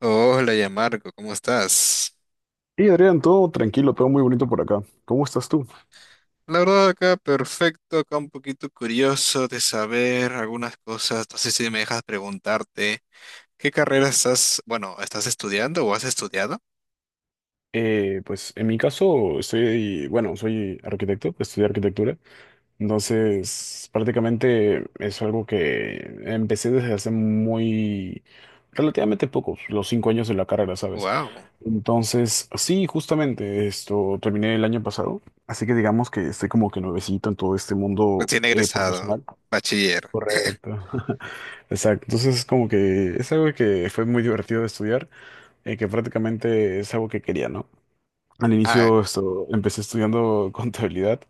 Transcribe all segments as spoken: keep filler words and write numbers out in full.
Hola, ya Marco, ¿cómo estás? Y Adrián, todo tranquilo, todo muy bonito por acá. ¿Cómo estás tú? La verdad acá perfecto, acá un poquito curioso de saber algunas cosas. No sé si me dejas preguntarte, ¿qué carrera estás, bueno, estás estudiando o has estudiado? Eh, pues en mi caso, estoy, bueno, soy arquitecto, estudié arquitectura, entonces prácticamente es algo que empecé desde hace muy, relativamente poco, los cinco años de la carrera, ¿sabes? Wow, Entonces, sí, justamente esto terminé el año pasado, así que digamos que estoy como que nuevecito en todo este mundo recién eh, egresado, profesional. bachiller. Correcto. Exacto. Entonces, como que es algo que fue muy divertido de estudiar. eh, que prácticamente es algo que quería, ¿no? Al Ah, inicio esto, empecé estudiando contabilidad,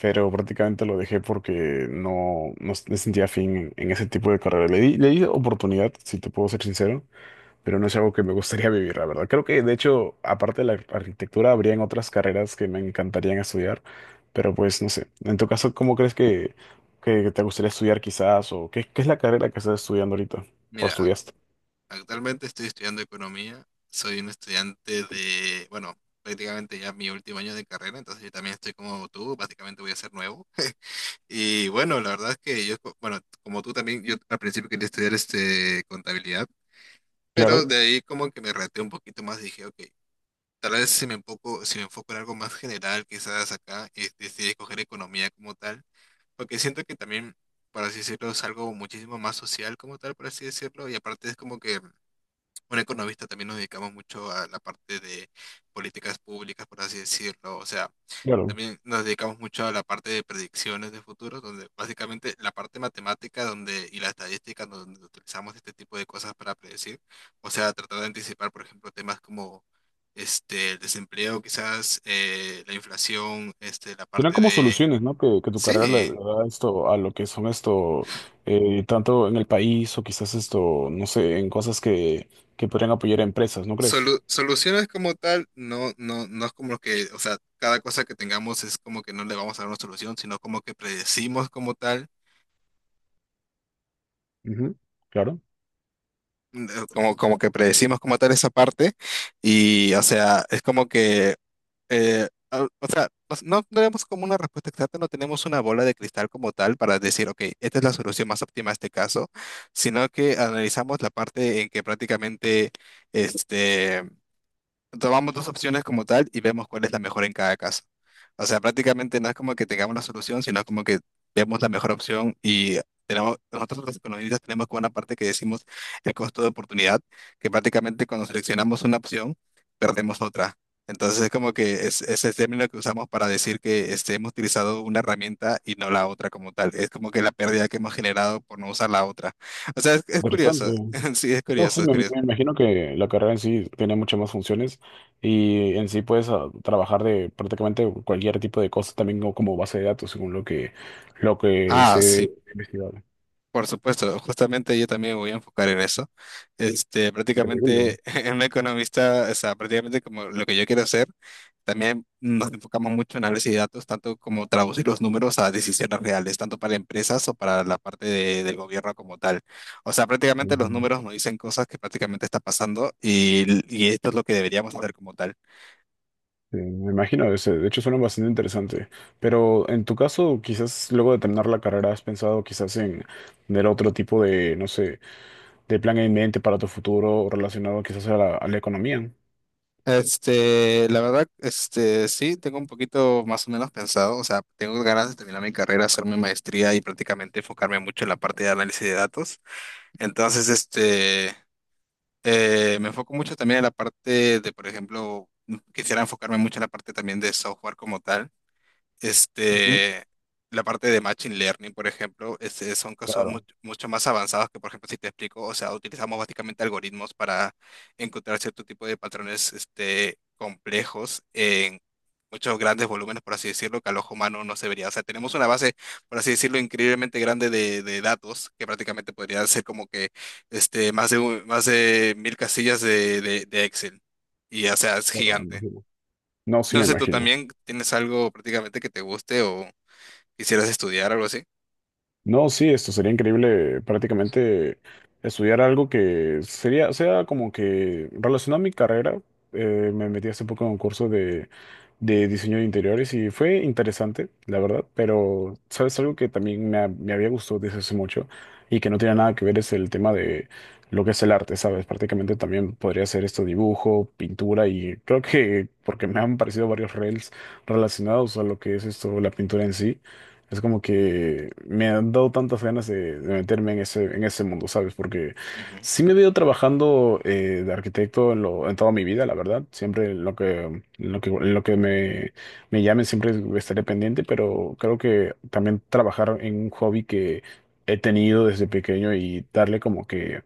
pero prácticamente lo dejé porque no, no s- me sentía fin en, en ese tipo de carrera. Le di, le di oportunidad, si te puedo ser sincero, pero no es algo que me gustaría vivir, la verdad. Creo que, de hecho, aparte de la arquitectura, habrían otras carreras que me encantarían estudiar, pero pues no sé. En tu caso, ¿cómo crees que, que te gustaría estudiar quizás? ¿O qué, qué es la carrera que estás estudiando ahorita? ¿O mira, ac- estudiaste? actualmente estoy estudiando economía. Soy un estudiante de, bueno, prácticamente ya mi último año de carrera, entonces yo también estoy como tú, básicamente voy a ser nuevo. Y bueno, la verdad es que yo, co- bueno, como tú también, yo al principio quería estudiar este contabilidad, pero Claro, de ahí como que me reté un poquito más y dije, ok, tal vez si me enfoco, si me enfoco en algo más general, quizás acá, y decidí escoger economía como tal, porque siento que también, por así decirlo, es algo muchísimo más social como tal, por así decirlo, y aparte es como que un economista también nos dedicamos mucho a la parte de políticas públicas, por así decirlo, o sea... claro. También nos dedicamos mucho a la parte de predicciones de futuro, donde básicamente la parte matemática donde, y la estadística donde utilizamos este tipo de cosas para predecir. O sea, tratar de anticipar, por ejemplo, temas como este, el desempleo, quizás eh, la inflación, este, la Serán parte como de... soluciones, ¿no? Que, que tu carrera le Sí, le da esto a lo que son esto, eh, tanto en el país o quizás esto, no sé, en cosas que, que podrían apoyar a empresas, ¿no crees? solu- soluciones como tal, no, no, no es como que, o sea, cada cosa que tengamos es como que no le vamos a dar una solución, sino como que predecimos como tal Ujú. Claro, eh, como, como que predecimos como tal esa parte y, o sea, es como que, eh, al- o sea, nos- no tenemos como una respuesta exacta, no tenemos una bola de cristal como tal para decir, ok, esta es la solución más óptima a este caso, sino que analizamos la parte en que prácticamente, este tomamos dos opciones como tal y vemos cuál es la mejor en cada caso. O sea, prácticamente no es como que tengamos la solución, sino como que vemos la mejor opción y tenemos, nosotros los economistas tenemos como una parte que decimos el costo de oportunidad, que prácticamente cuando seleccionamos una opción, perdemos otra. Entonces es como que es, es el término que usamos para decir que este, hemos utilizado una herramienta y no la otra como tal. Es como que la pérdida que hemos generado por no usar la otra. O sea, es, es interesante. curioso. Sí, es No, curioso, sí, es me, me curioso. imagino que la carrera en sí tiene muchas más funciones y en sí puedes ah, trabajar de prácticamente cualquier tipo de cosa, también como como base de datos, según lo que, lo que Ah, se sí. ha investigado. Por supuesto, justamente yo también me voy a enfocar en eso. Este, Increíble, ¿no? prácticamente en un economista, o sea, prácticamente como lo que yo quiero hacer, también nos enfocamos mucho en análisis de datos, tanto como traducir los números a decisiones reales, tanto para empresas o para la parte de- del gobierno como tal. O sea, prácticamente Ujú. los números nos dicen cosas que prácticamente está pasando y, y esto es lo que deberíamos hacer como tal. Sí, me imagino, ese- de hecho suena bastante interesante, pero en tu caso, quizás luego de terminar la carrera, ¿has pensado quizás en tener otro tipo de, no sé, de plan en mente para tu futuro relacionado quizás a la, a la economía? Este, la verdad, este, sí, tengo un poquito más o menos pensado, o sea, tengo ganas de terminar mi carrera, hacer mi maestría y prácticamente enfocarme mucho en la parte de análisis de datos. Entonces, este, eh, me enfoco mucho también en la parte de, por ejemplo, quisiera enfocarme mucho en la parte también de software como tal. Ujú. Este, la parte de Machine Learning, por ejemplo, este, son cosas mu- Claro, mucho más avanzadas que, por ejemplo, si te explico, o sea, utilizamos básicamente algoritmos para encontrar cierto tipo de patrones este, complejos en muchos grandes volúmenes, por así decirlo, que al ojo humano no se vería. O sea, tenemos una base, por así decirlo, increíblemente grande de, de datos, que prácticamente podría ser como que este, más de, un- más de mil casillas de, de de Excel. Y, o sea, es claro, me gigante. imagino. No, sí No me sé, ¿tú imagino. también tienes algo prácticamente que te guste o...? Quisieras estudiar, algo así. No, sí, esto sería increíble prácticamente estudiar algo que sería, sea como que relacionado a mi carrera. Eh, me metí hace poco en un curso de, de diseño de interiores y fue interesante, la verdad, pero sabes algo que también me, ha- me había gustado desde hace mucho y que no tiene nada que ver es el tema de lo que es el arte, ¿sabes? Prácticamente también podría ser esto dibujo, pintura y creo que porque me han parecido varios reels relacionados a lo que es esto, la pintura en sí. Es como que me han dado tantas ganas de, de meterme en ese, en ese mundo, ¿sabes? Porque Ujú. sí me veo trabajando eh, de arquitecto en, lo, en toda mi vida, la verdad. Siempre en lo que, en lo que, en lo que me, me llamen, siempre estaré pendiente, pero creo que también trabajar en un hobby que he tenido desde pequeño y darle como que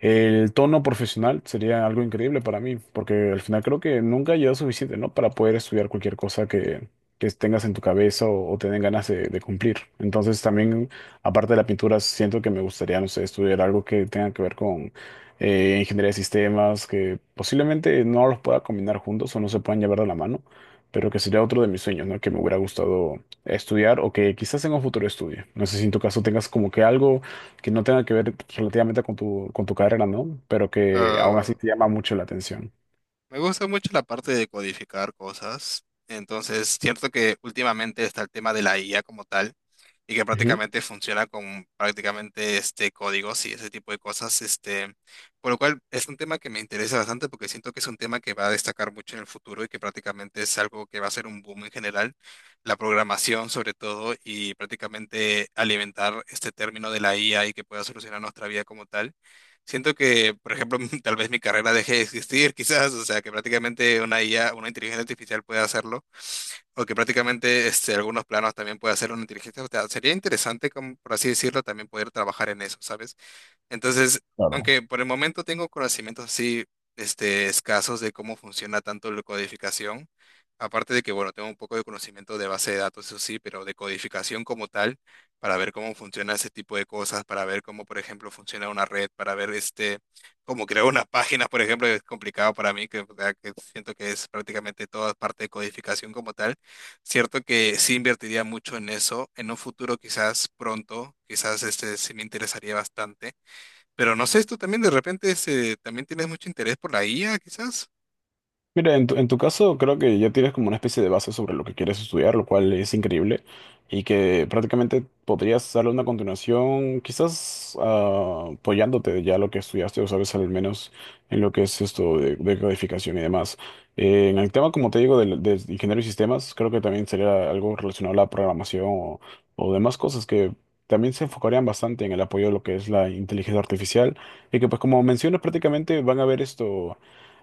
el tono profesional sería algo increíble para mí, porque al final creo que nunca lleva suficiente, ¿no? Para poder estudiar cualquier cosa que, que tengas en tu cabeza o, o te den ganas de, de cumplir. Entonces también, aparte de la pintura, siento que me gustaría, no sé, estudiar algo que tenga que ver con eh, ingeniería de sistemas, que posiblemente no los pueda combinar juntos o no se puedan llevar de la mano, pero que sería otro de mis sueños, ¿no? Que me hubiera gustado estudiar o que quizás en un futuro estudie. No sé si en tu caso tengas como que algo que no tenga que ver relativamente con tu, con tu carrera, ¿no? Pero que aún así Ah, te llama mucho la atención. me gusta mucho la parte de codificar cosas. Entonces, cierto que últimamente está el tema de la I A como tal y que Ujú. prácticamente funciona con prácticamente este códigos y ese tipo de cosas, este, por lo cual es un tema que me interesa bastante porque siento que es un tema que va a destacar mucho en el futuro y que prácticamente es algo que va a ser un boom en general, la programación sobre todo y prácticamente alimentar este término de la I A y que pueda solucionar nuestra vida como tal. Siento que, por ejemplo, tal vez mi carrera deje de existir, quizás, o sea, que prácticamente una I A, una inteligencia artificial puede hacerlo, o que prácticamente este, algunos planos también puede hacer una inteligencia. O sea, sería interesante, como, por así decirlo, también poder trabajar en eso, ¿sabes? Entonces, Claro. aunque por el momento tengo conocimientos así, este, escasos de cómo funciona tanto la codificación, aparte de que, bueno, tengo un poco de conocimiento de base de datos, eso sí, pero de codificación como tal, para ver cómo funciona ese tipo de cosas, para ver cómo, por ejemplo, funciona una red, para ver este, cómo crear una página, por ejemplo, es complicado para mí, que, o sea, que siento que es prácticamente toda parte de codificación como tal. Cierto que sí invertiría mucho en eso, en un futuro quizás pronto, quizás este sí me interesaría bastante pero no sé, tú también de repente se, también tienes mucho interés por la I A, quizás. Mira, en tu, en tu caso creo que ya tienes como una especie de base sobre lo que quieres estudiar, lo cual es increíble y que prácticamente podrías darle una continuación, quizás ah, apoyándote ya lo que estudiaste o sabes al menos en lo que es esto de, de codificación y demás. Eh, en el tema, como te digo, del- de, ingeniero y sistemas, creo que también sería algo relacionado a la programación o, o demás cosas que también se enfocarían bastante en el apoyo de lo que es la inteligencia artificial y que pues como mencionas prácticamente van a ver esto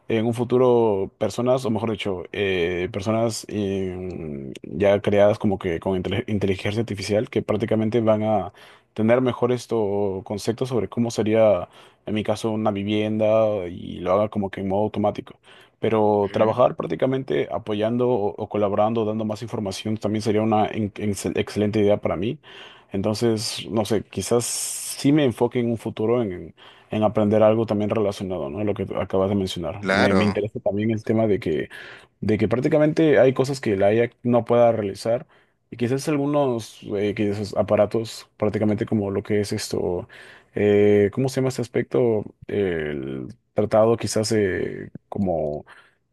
en un futuro personas, o mejor dicho, eh, personas eh, ya creadas como que con intele- inteligencia artificial que prácticamente van a tener mejores esto, conceptos sobre cómo sería, en mi caso, una vivienda y lo haga como que en modo automático. Pero Ujú. trabajar prácticamente apoyando o, o colaborando, dando más información, también sería una en- excel- excelente idea para mí. Entonces, no sé, quizás sí me enfoque en un futuro en aprender algo también relacionado, ¿no? Lo que acabas de mencionar. Me, me Claro. interesa también el tema de que, de que prácticamente hay cosas que la I A no pueda realizar y quizás algunos eh, quizás aparatos, prácticamente como lo que es esto, eh, ¿cómo se llama este aspecto? El tratado quizás eh, como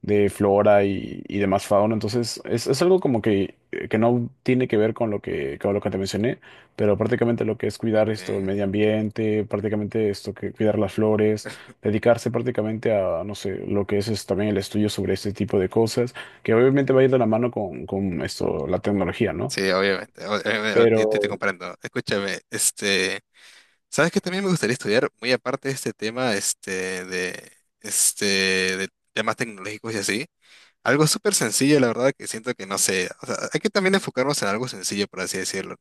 de flora y, y demás fauna. Entonces, es, es algo como que, eh, que no tiene que ver con lo que, con lo que te mencioné, pero prácticamente lo que es cuidar esto, el Okay. medio ambiente, prácticamente esto que cuidar las flores, dedicarse prácticamente a, no sé, lo que es, es también el estudio sobre este tipo de cosas, que obviamente va a ir de la mano con, con esto, la tecnología, ¿no? Sí, obviamente. O- eh, o- te, te- te Pero comprendo. Escúchame, este, ¿sabes qué también me gustaría estudiar? Muy aparte de este tema, este, de, este, de temas tecnológicos y así. Algo súper sencillo, la verdad, que siento que no sé. O sea, hay que también enfocarnos en algo sencillo, por así decirlo.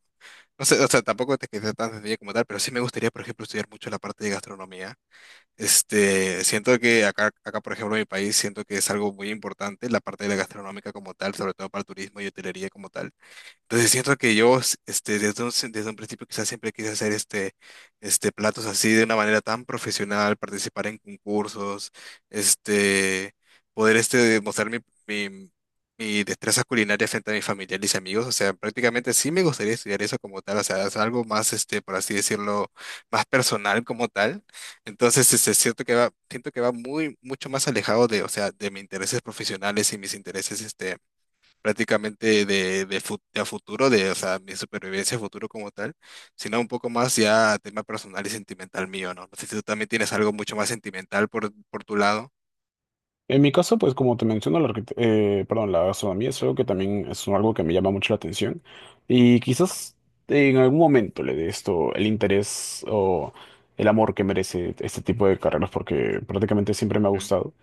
No sé, o sea, tampoco te quedes tan sencillo como tal, pero sí me gustaría, por ejemplo, estudiar mucho la parte de gastronomía. Este, siento que acá, acá, por ejemplo, en mi país, siento que es algo muy importante la parte de la gastronómica como tal, sobre todo para el turismo y hotelería como tal. Entonces siento que yo, s- este, desde un, se- desde un principio quizás siempre quise hacer este, este, platos así de una manera tan profesional, participar en concursos, este, poder este, demostrar mi, mi, mi destreza culinaria frente a mis familiares y amigos. O sea, prácticamente sí me gustaría estudiar eso como tal, o sea, es algo más, este, por así decirlo, más personal como tal. Entonces, este, siento que va, siento que va muy, mucho más alejado de, o sea, de mis intereses profesionales y mis intereses, este, prácticamente de, de, fu- de a futuro, de, o sea, mi supervivencia a futuro como tal, sino un poco más ya tema personal y sentimental mío, ¿no? No sé si tú también tienes algo mucho más sentimental por, por tu lado. en mi caso, pues como te menciono, la, arquit- eh, perdón, la gastronomía es algo que también es algo que me llama mucho la atención y quizás en algún momento le dé esto el interés o el amor que merece este tipo de carreras porque prácticamente siempre me ha Ujú. gustado.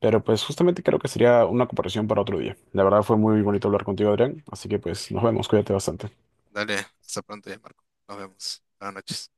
Pero pues justamente creo que sería una comparación para otro día. La verdad fue muy bonito hablar contigo, Adrián. Así que pues nos vemos, cuídate bastante. Dale, hasta pronto ya, Marco. Nos vemos. Buenas noches.